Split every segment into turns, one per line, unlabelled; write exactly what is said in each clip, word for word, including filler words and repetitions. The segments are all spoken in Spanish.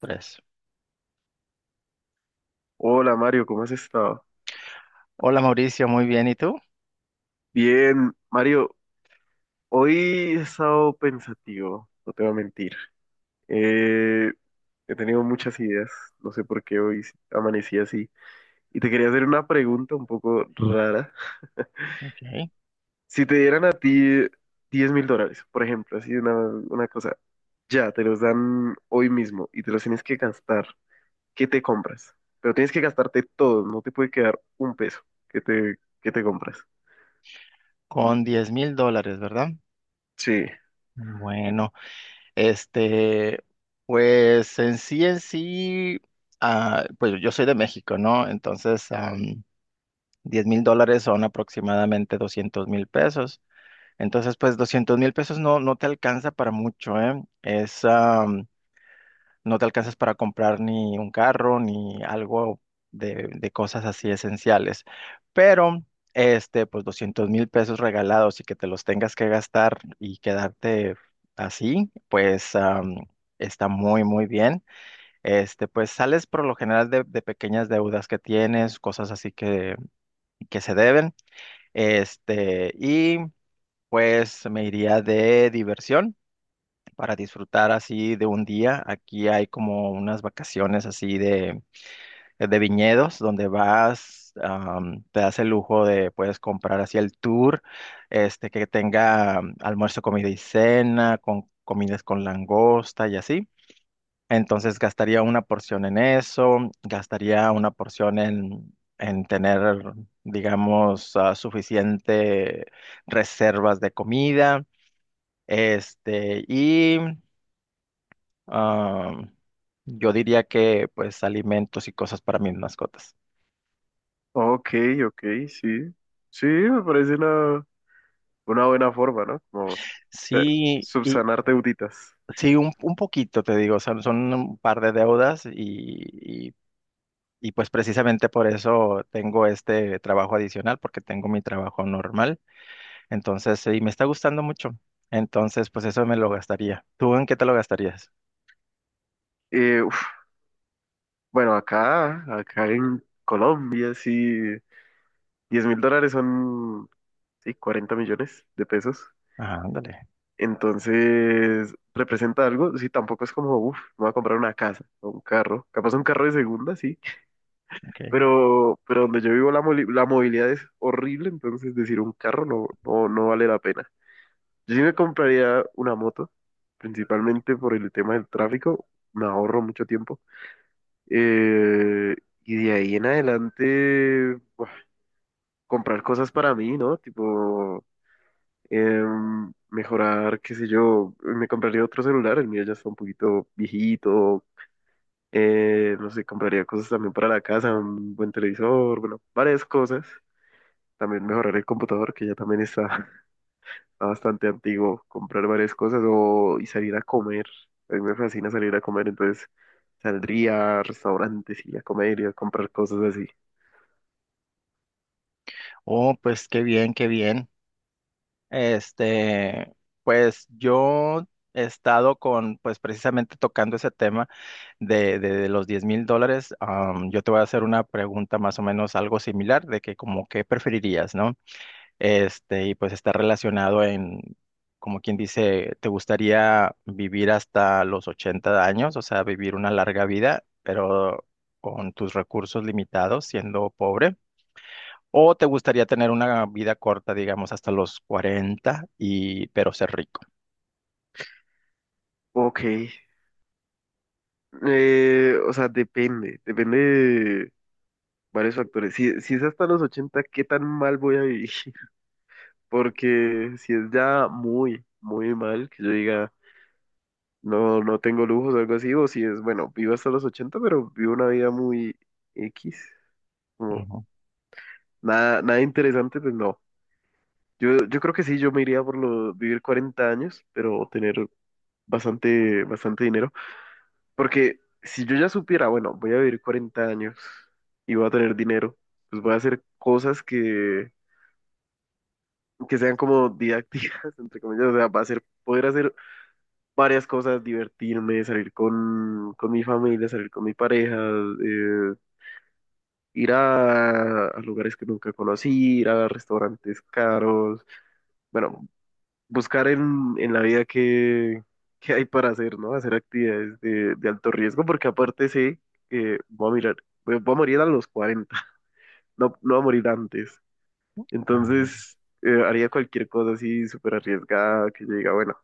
Tres.
Hola Mario, ¿cómo has estado?
Hola Mauricio, muy bien. ¿Y tú?
Bien, Mario, hoy he estado pensativo, no te voy a mentir. Eh, He tenido muchas ideas, no sé por qué hoy amanecí así. Y te quería hacer una pregunta un poco rara.
Ok.
Si te dieran a ti diez mil dólares, por ejemplo, así una, una cosa, ya te los dan hoy mismo y te los tienes que gastar, ¿qué te compras? Pero tienes que gastarte todo, no te puede quedar un peso. ¿Qué te, qué te compras?
Con diez mil dólares, ¿verdad?
Sí.
Bueno, este, pues en sí, en sí, ah, pues yo soy de México, ¿no? Entonces, am, diez mil dólares son aproximadamente doscientos mil pesos. Entonces, pues doscientos mil pesos no, no te alcanza para mucho, ¿eh? Es, no te alcanzas para comprar ni un carro ni algo de, de cosas así esenciales. Pero, este, pues doscientos mil pesos regalados y que te los tengas que gastar y quedarte así, pues am, está muy, muy bien. Este, pues sales por lo general de, de pequeñas deudas que tienes, cosas así que, que se deben. Este, y pues me iría de diversión para disfrutar así de un día. Aquí hay como unas vacaciones así de, de viñedos donde vas, am, te das el lujo de, puedes comprar así el tour, este, que tenga am, almuerzo, comida y cena, con comidas con langosta y así. Entonces gastaría una porción en eso, gastaría una porción en, en tener, digamos, ah, suficiente reservas de comida. Este, y Ah, yo diría que pues alimentos y cosas para mis mascotas.
Ok, ok, sí. Sí, me parece la, una buena forma, ¿no? Como te-
Sí, y
subsanar deuditas.
sí, un, un poquito te digo, son, son un par de deudas y, y, y pues precisamente por eso tengo este trabajo adicional, porque tengo mi trabajo normal. Entonces, y me está gustando mucho. Entonces, pues eso me lo gastaría. ¿Tú en qué te lo gastarías?
Eh, uf, bueno, acá, acá en Colombia, sí, diez mil dólares son, sí, cuarenta millones de pesos.
Ah, ándale.
Entonces, representa algo, sí, tampoco es como, uf, me voy a comprar una casa o un carro, capaz un carro de segunda, sí,
Ok.
pero, pero donde yo vivo la, moli- la movilidad es horrible, entonces decir un carro no, no, no vale la pena. Yo sí me compraría una moto, principalmente por el tema del tráfico, me ahorro mucho tiempo. Eh, y de ahí en adelante, buah, comprar cosas para mí, ¿no? Tipo, em, mejorar, qué sé yo, me compraría otro celular, el mío ya está un poquito viejito. Eh, no sé, compraría cosas también para la casa, un buen televisor, bueno, varias cosas. También mejorar el computador, que ya también está bastante antiguo, comprar varias cosas o, y salir a comer. A mí me fascina salir a comer, entonces saldría a restaurantes y a comer y a comprar cosas así.
Oh, pues qué bien, qué bien. Este, pues yo he estado con, pues precisamente tocando ese tema de, de- de los diez mil dólares. Am, yo te voy a hacer una pregunta más o menos algo similar de que como qué preferirías, ¿no? Este, y pues está relacionado en, como quien dice, ¿te gustaría vivir hasta los ochenta años? O sea, vivir una larga vida, pero con tus recursos limitados, siendo pobre. ¿O te gustaría tener una vida corta, digamos, hasta los cuarenta y pero ser rico?
Ok, eh, o sea, depende, depende de varios factores. Si, si es hasta los ochenta, ¿qué tan mal voy a vivir? Porque si es ya muy, muy mal, que yo diga, no, no tengo lujos o algo así, o si es, bueno, vivo hasta los ochenta pero vivo una vida muy X, como
Ujú.
nada, nada interesante, pues no. Yo, yo creo que sí, yo me iría por lo, vivir cuarenta años, pero tener bastante, bastante dinero. Porque si yo ya supiera, bueno, voy a vivir cuarenta años y voy a tener dinero, pues voy a hacer cosas que, que sean como didácticas, entre comillas. O sea, va a ser poder hacer varias cosas, divertirme, salir con, con mi familia, salir con mi pareja, eh, ir a, a lugares que nunca conocí, ir a restaurantes caros. Bueno, buscar en, en la vida qué, qué hay para hacer, ¿no? Hacer actividades de, de alto riesgo, porque aparte sé que voy a mirar, voy, voy a morir a los cuarenta no, no voy a morir antes.
Ah,
Entonces, eh, haría cualquier cosa así súper arriesgada que yo diga, bueno,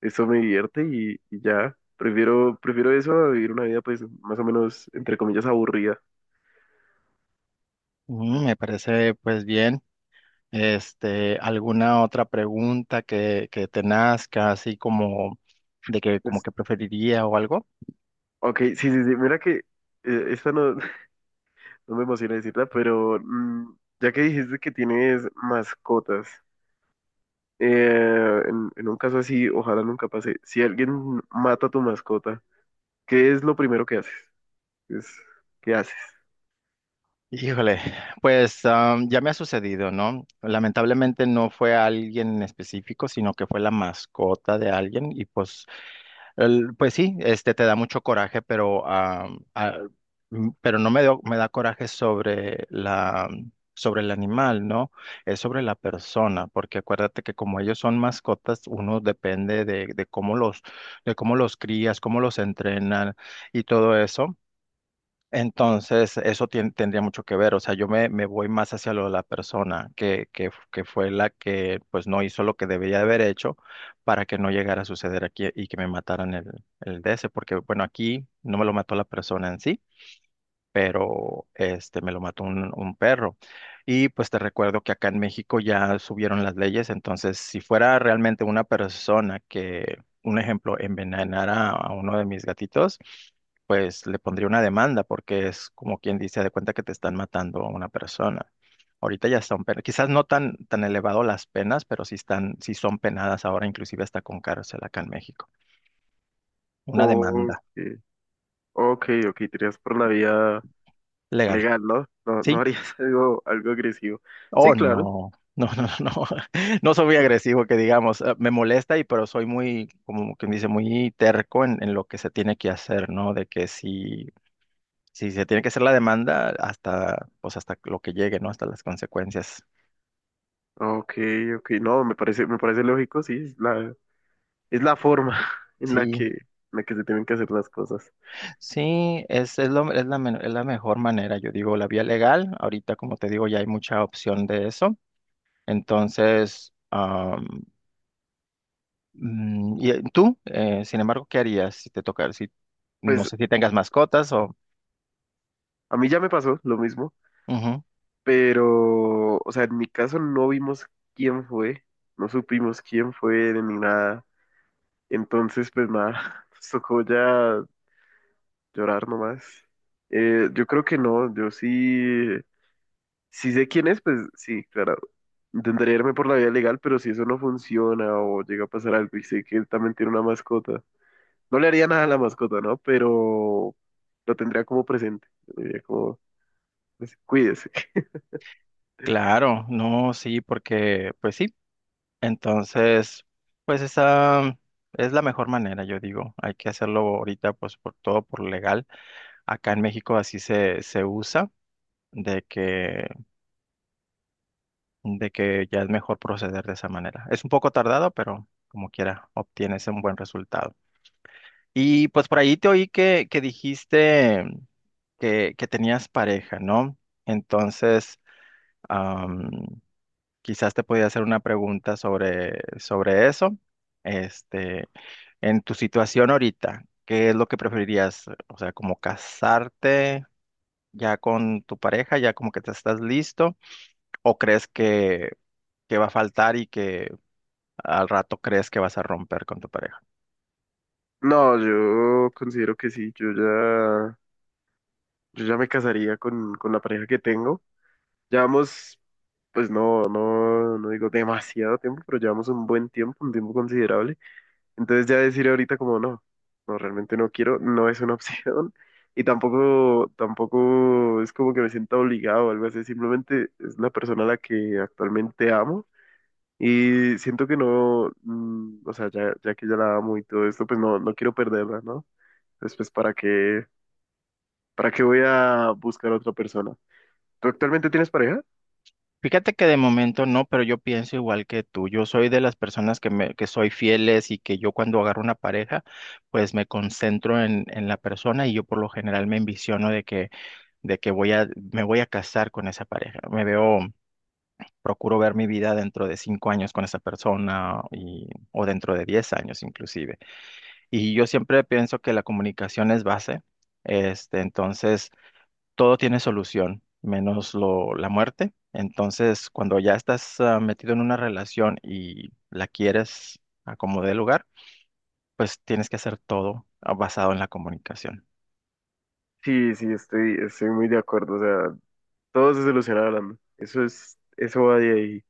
eso me divierte y, y ya. Prefiero, prefiero eso a vivir una vida, pues, más o menos, entre comillas, aburrida.
mm, Me parece pues bien. Este, ¿alguna otra pregunta que, que te nazca, así como de que como
Pues,
que preferiría o algo?
ok, sí, sí, sí, mira que eh, esta no, no me emociona decirla, pero mm, ya que dijiste que tienes mascotas, eh, en, en un caso así, ojalá nunca pase. Si alguien mata a tu mascota, ¿qué es lo primero que haces? ¿Qué es, qué haces?
Híjole, pues am, ya me ha sucedido, ¿no? Lamentablemente no fue alguien en específico, sino que fue la mascota de alguien y pues, el- pues sí, este te da mucho coraje, pero am, ah, m- pero no me dio- me da coraje sobre la sobre el animal, ¿no? Es sobre la persona, porque acuérdate que como ellos son mascotas, uno depende de, de cómo los de cómo los crías, cómo los entrenan y todo eso. Entonces, eso tien- tendría mucho que ver, o sea, yo me, me voy más hacia lo de la persona que, que, f- que fue la que pues no hizo lo que debería de haber hecho para que no llegara a suceder aquí y que me mataran el, el D S, porque bueno, aquí no me lo mató la persona en sí, pero este me lo mató un, un perro. Y pues te recuerdo que acá en México ya subieron las leyes, entonces si fuera realmente una persona que, un ejemplo, envenenara a uno de mis gatitos, pues le pondría una demanda porque es como quien dice, de cuenta que te están matando a una persona. Ahorita ya son penas, quizás no tan, tan elevado las penas, pero sí están, sí son penadas ahora, inclusive hasta con cárcel acá en México. Una
O,
demanda
eh, ok, ok, tiras por la vía
legal.
legal, ¿no? No, no
Sí,
harías algo, algo agresivo. Sí,
oh,
claro.
no, no, no, no, no no soy muy agresivo, que digamos. Eh, me molesta y pero soy muy, como quien dice, muy terco en, en lo que se tiene que hacer, ¿no? De que si, si se tiene que hacer la demanda, hasta, pues hasta lo que llegue, ¿no? Hasta las consecuencias.
Ok, ok, no, me parece, me parece lógico, sí, es la, es la forma en la
Sí,
que, en la que se tienen que hacer las cosas.
sí, es, es, lo- es la, men- es la mejor manera, yo digo, la vía legal, ahorita como te digo, ya hay mucha opción de eso, entonces, am, mm, ¿y eh, tú, eh, sin embargo, qué harías si te tocara, si, no
Pues
sé si tengas mascotas o...
a mí ya me pasó lo mismo.
Ujú.
Pero, o sea, en mi caso no vimos quién fue, no supimos quién fue ni nada. Entonces, pues nada, nos tocó ya llorar nomás. Eh, yo creo que no, yo sí, sí sé quién es, pues sí, claro. Intentaré irme por la vía legal, pero si eso no funciona o llega a pasar algo y sé que él también tiene una mascota, no le haría nada a la mascota, ¿no? Pero lo tendría como presente. Le diría como, pues, cuídese.
Claro, no, sí, porque, pues sí, entonces, pues esa es la mejor manera, yo digo, hay que hacerlo ahorita, pues por todo, por legal. Acá en México así se, se usa, de que, de que ya es mejor proceder de esa manera. Es un poco tardado, pero como quiera, obtienes un buen resultado. Y pues por ahí te oí que, que dijiste que, que tenías pareja, ¿no? Entonces, quizás te podía hacer una pregunta sobre, sobre eso. Este, en tu situación ahorita, ¿qué es lo que preferirías? O sea, como casarte ya con tu pareja, ya como que te estás listo, o crees que, que va a faltar y que al rato crees que vas a romper con tu pareja.
No, yo considero que sí, yo ya. Yo ya me casaría con, con la pareja que tengo. Llevamos, pues no, no, no digo demasiado tiempo, pero llevamos un buen tiempo, un tiempo considerable. Entonces ya decir ahorita como no, no, realmente no quiero, no es una opción. Y tampoco, tampoco es como que me sienta obligado o algo así. Simplemente es una persona a la que actualmente amo. Y siento que no, mm, o sea, ya, ya que ya la amo y todo esto, pues no, no quiero perderla, ¿no? Entonces, pues, ¿para qué, para qué voy a buscar a otra persona? ¿Tú actualmente tienes pareja?
Fíjate que de momento no, pero yo pienso igual que tú. Yo soy de las personas que me, que soy fieles y que yo cuando agarro una pareja, pues me concentro en, en la persona y yo por lo general me envisiono de que de que voy a, me voy a casar con esa pareja. Me veo, procuro ver mi vida dentro de cinco años con esa persona y, o dentro de diez años inclusive. Y yo siempre pienso que la comunicación es base. Este, entonces, todo tiene solución, menos lo, la muerte. Entonces, cuando ya estás ah, metido en una relación y la quieres a como dé lugar, pues tienes que hacer todo ah, basado en la comunicación.
Sí, sí, estoy, estoy muy de acuerdo. O sea, todo se soluciona hablando. Eso es, eso va de ahí.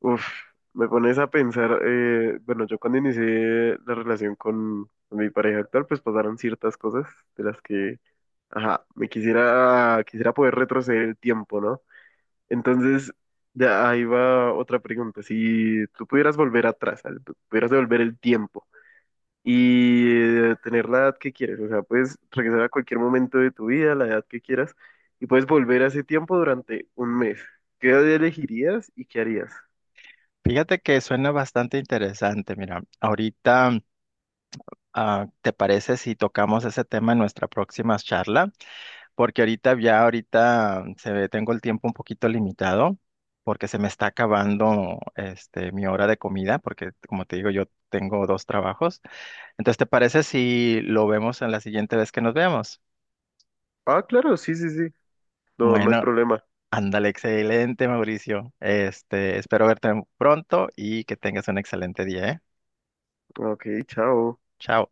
Uf, me pones a pensar, eh, bueno, yo cuando inicié la relación con, con mi pareja actual, pues pasaron ciertas cosas de las que, ajá, me quisiera, quisiera poder retroceder el tiempo, ¿no? Entonces, de ahí va otra pregunta. Si tú pudieras volver atrás, al- pudieras devolver el tiempo, y eh, tener la edad que quieres. O sea, puedes regresar a cualquier momento de tu vida, la edad que quieras, y puedes volver a ese tiempo durante un mes. ¿Qué edad elegirías y qué harías?
Fíjate que suena bastante interesante. Mira, ahorita Ah, ¿te parece si tocamos ese tema en nuestra próxima charla? Porque ahorita ya ahorita se ve, tengo el tiempo un poquito limitado porque se me está acabando este mi hora de comida porque como te digo yo tengo dos trabajos. Entonces, ¿te parece si lo vemos en la siguiente vez que nos veamos?
Ah, claro, sí, sí, sí. No, no hay
Bueno,
problema.
ándale, excelente, Mauricio. Este, espero verte pronto y que tengas un excelente día, ¿eh?
Ok, chao.
Chao.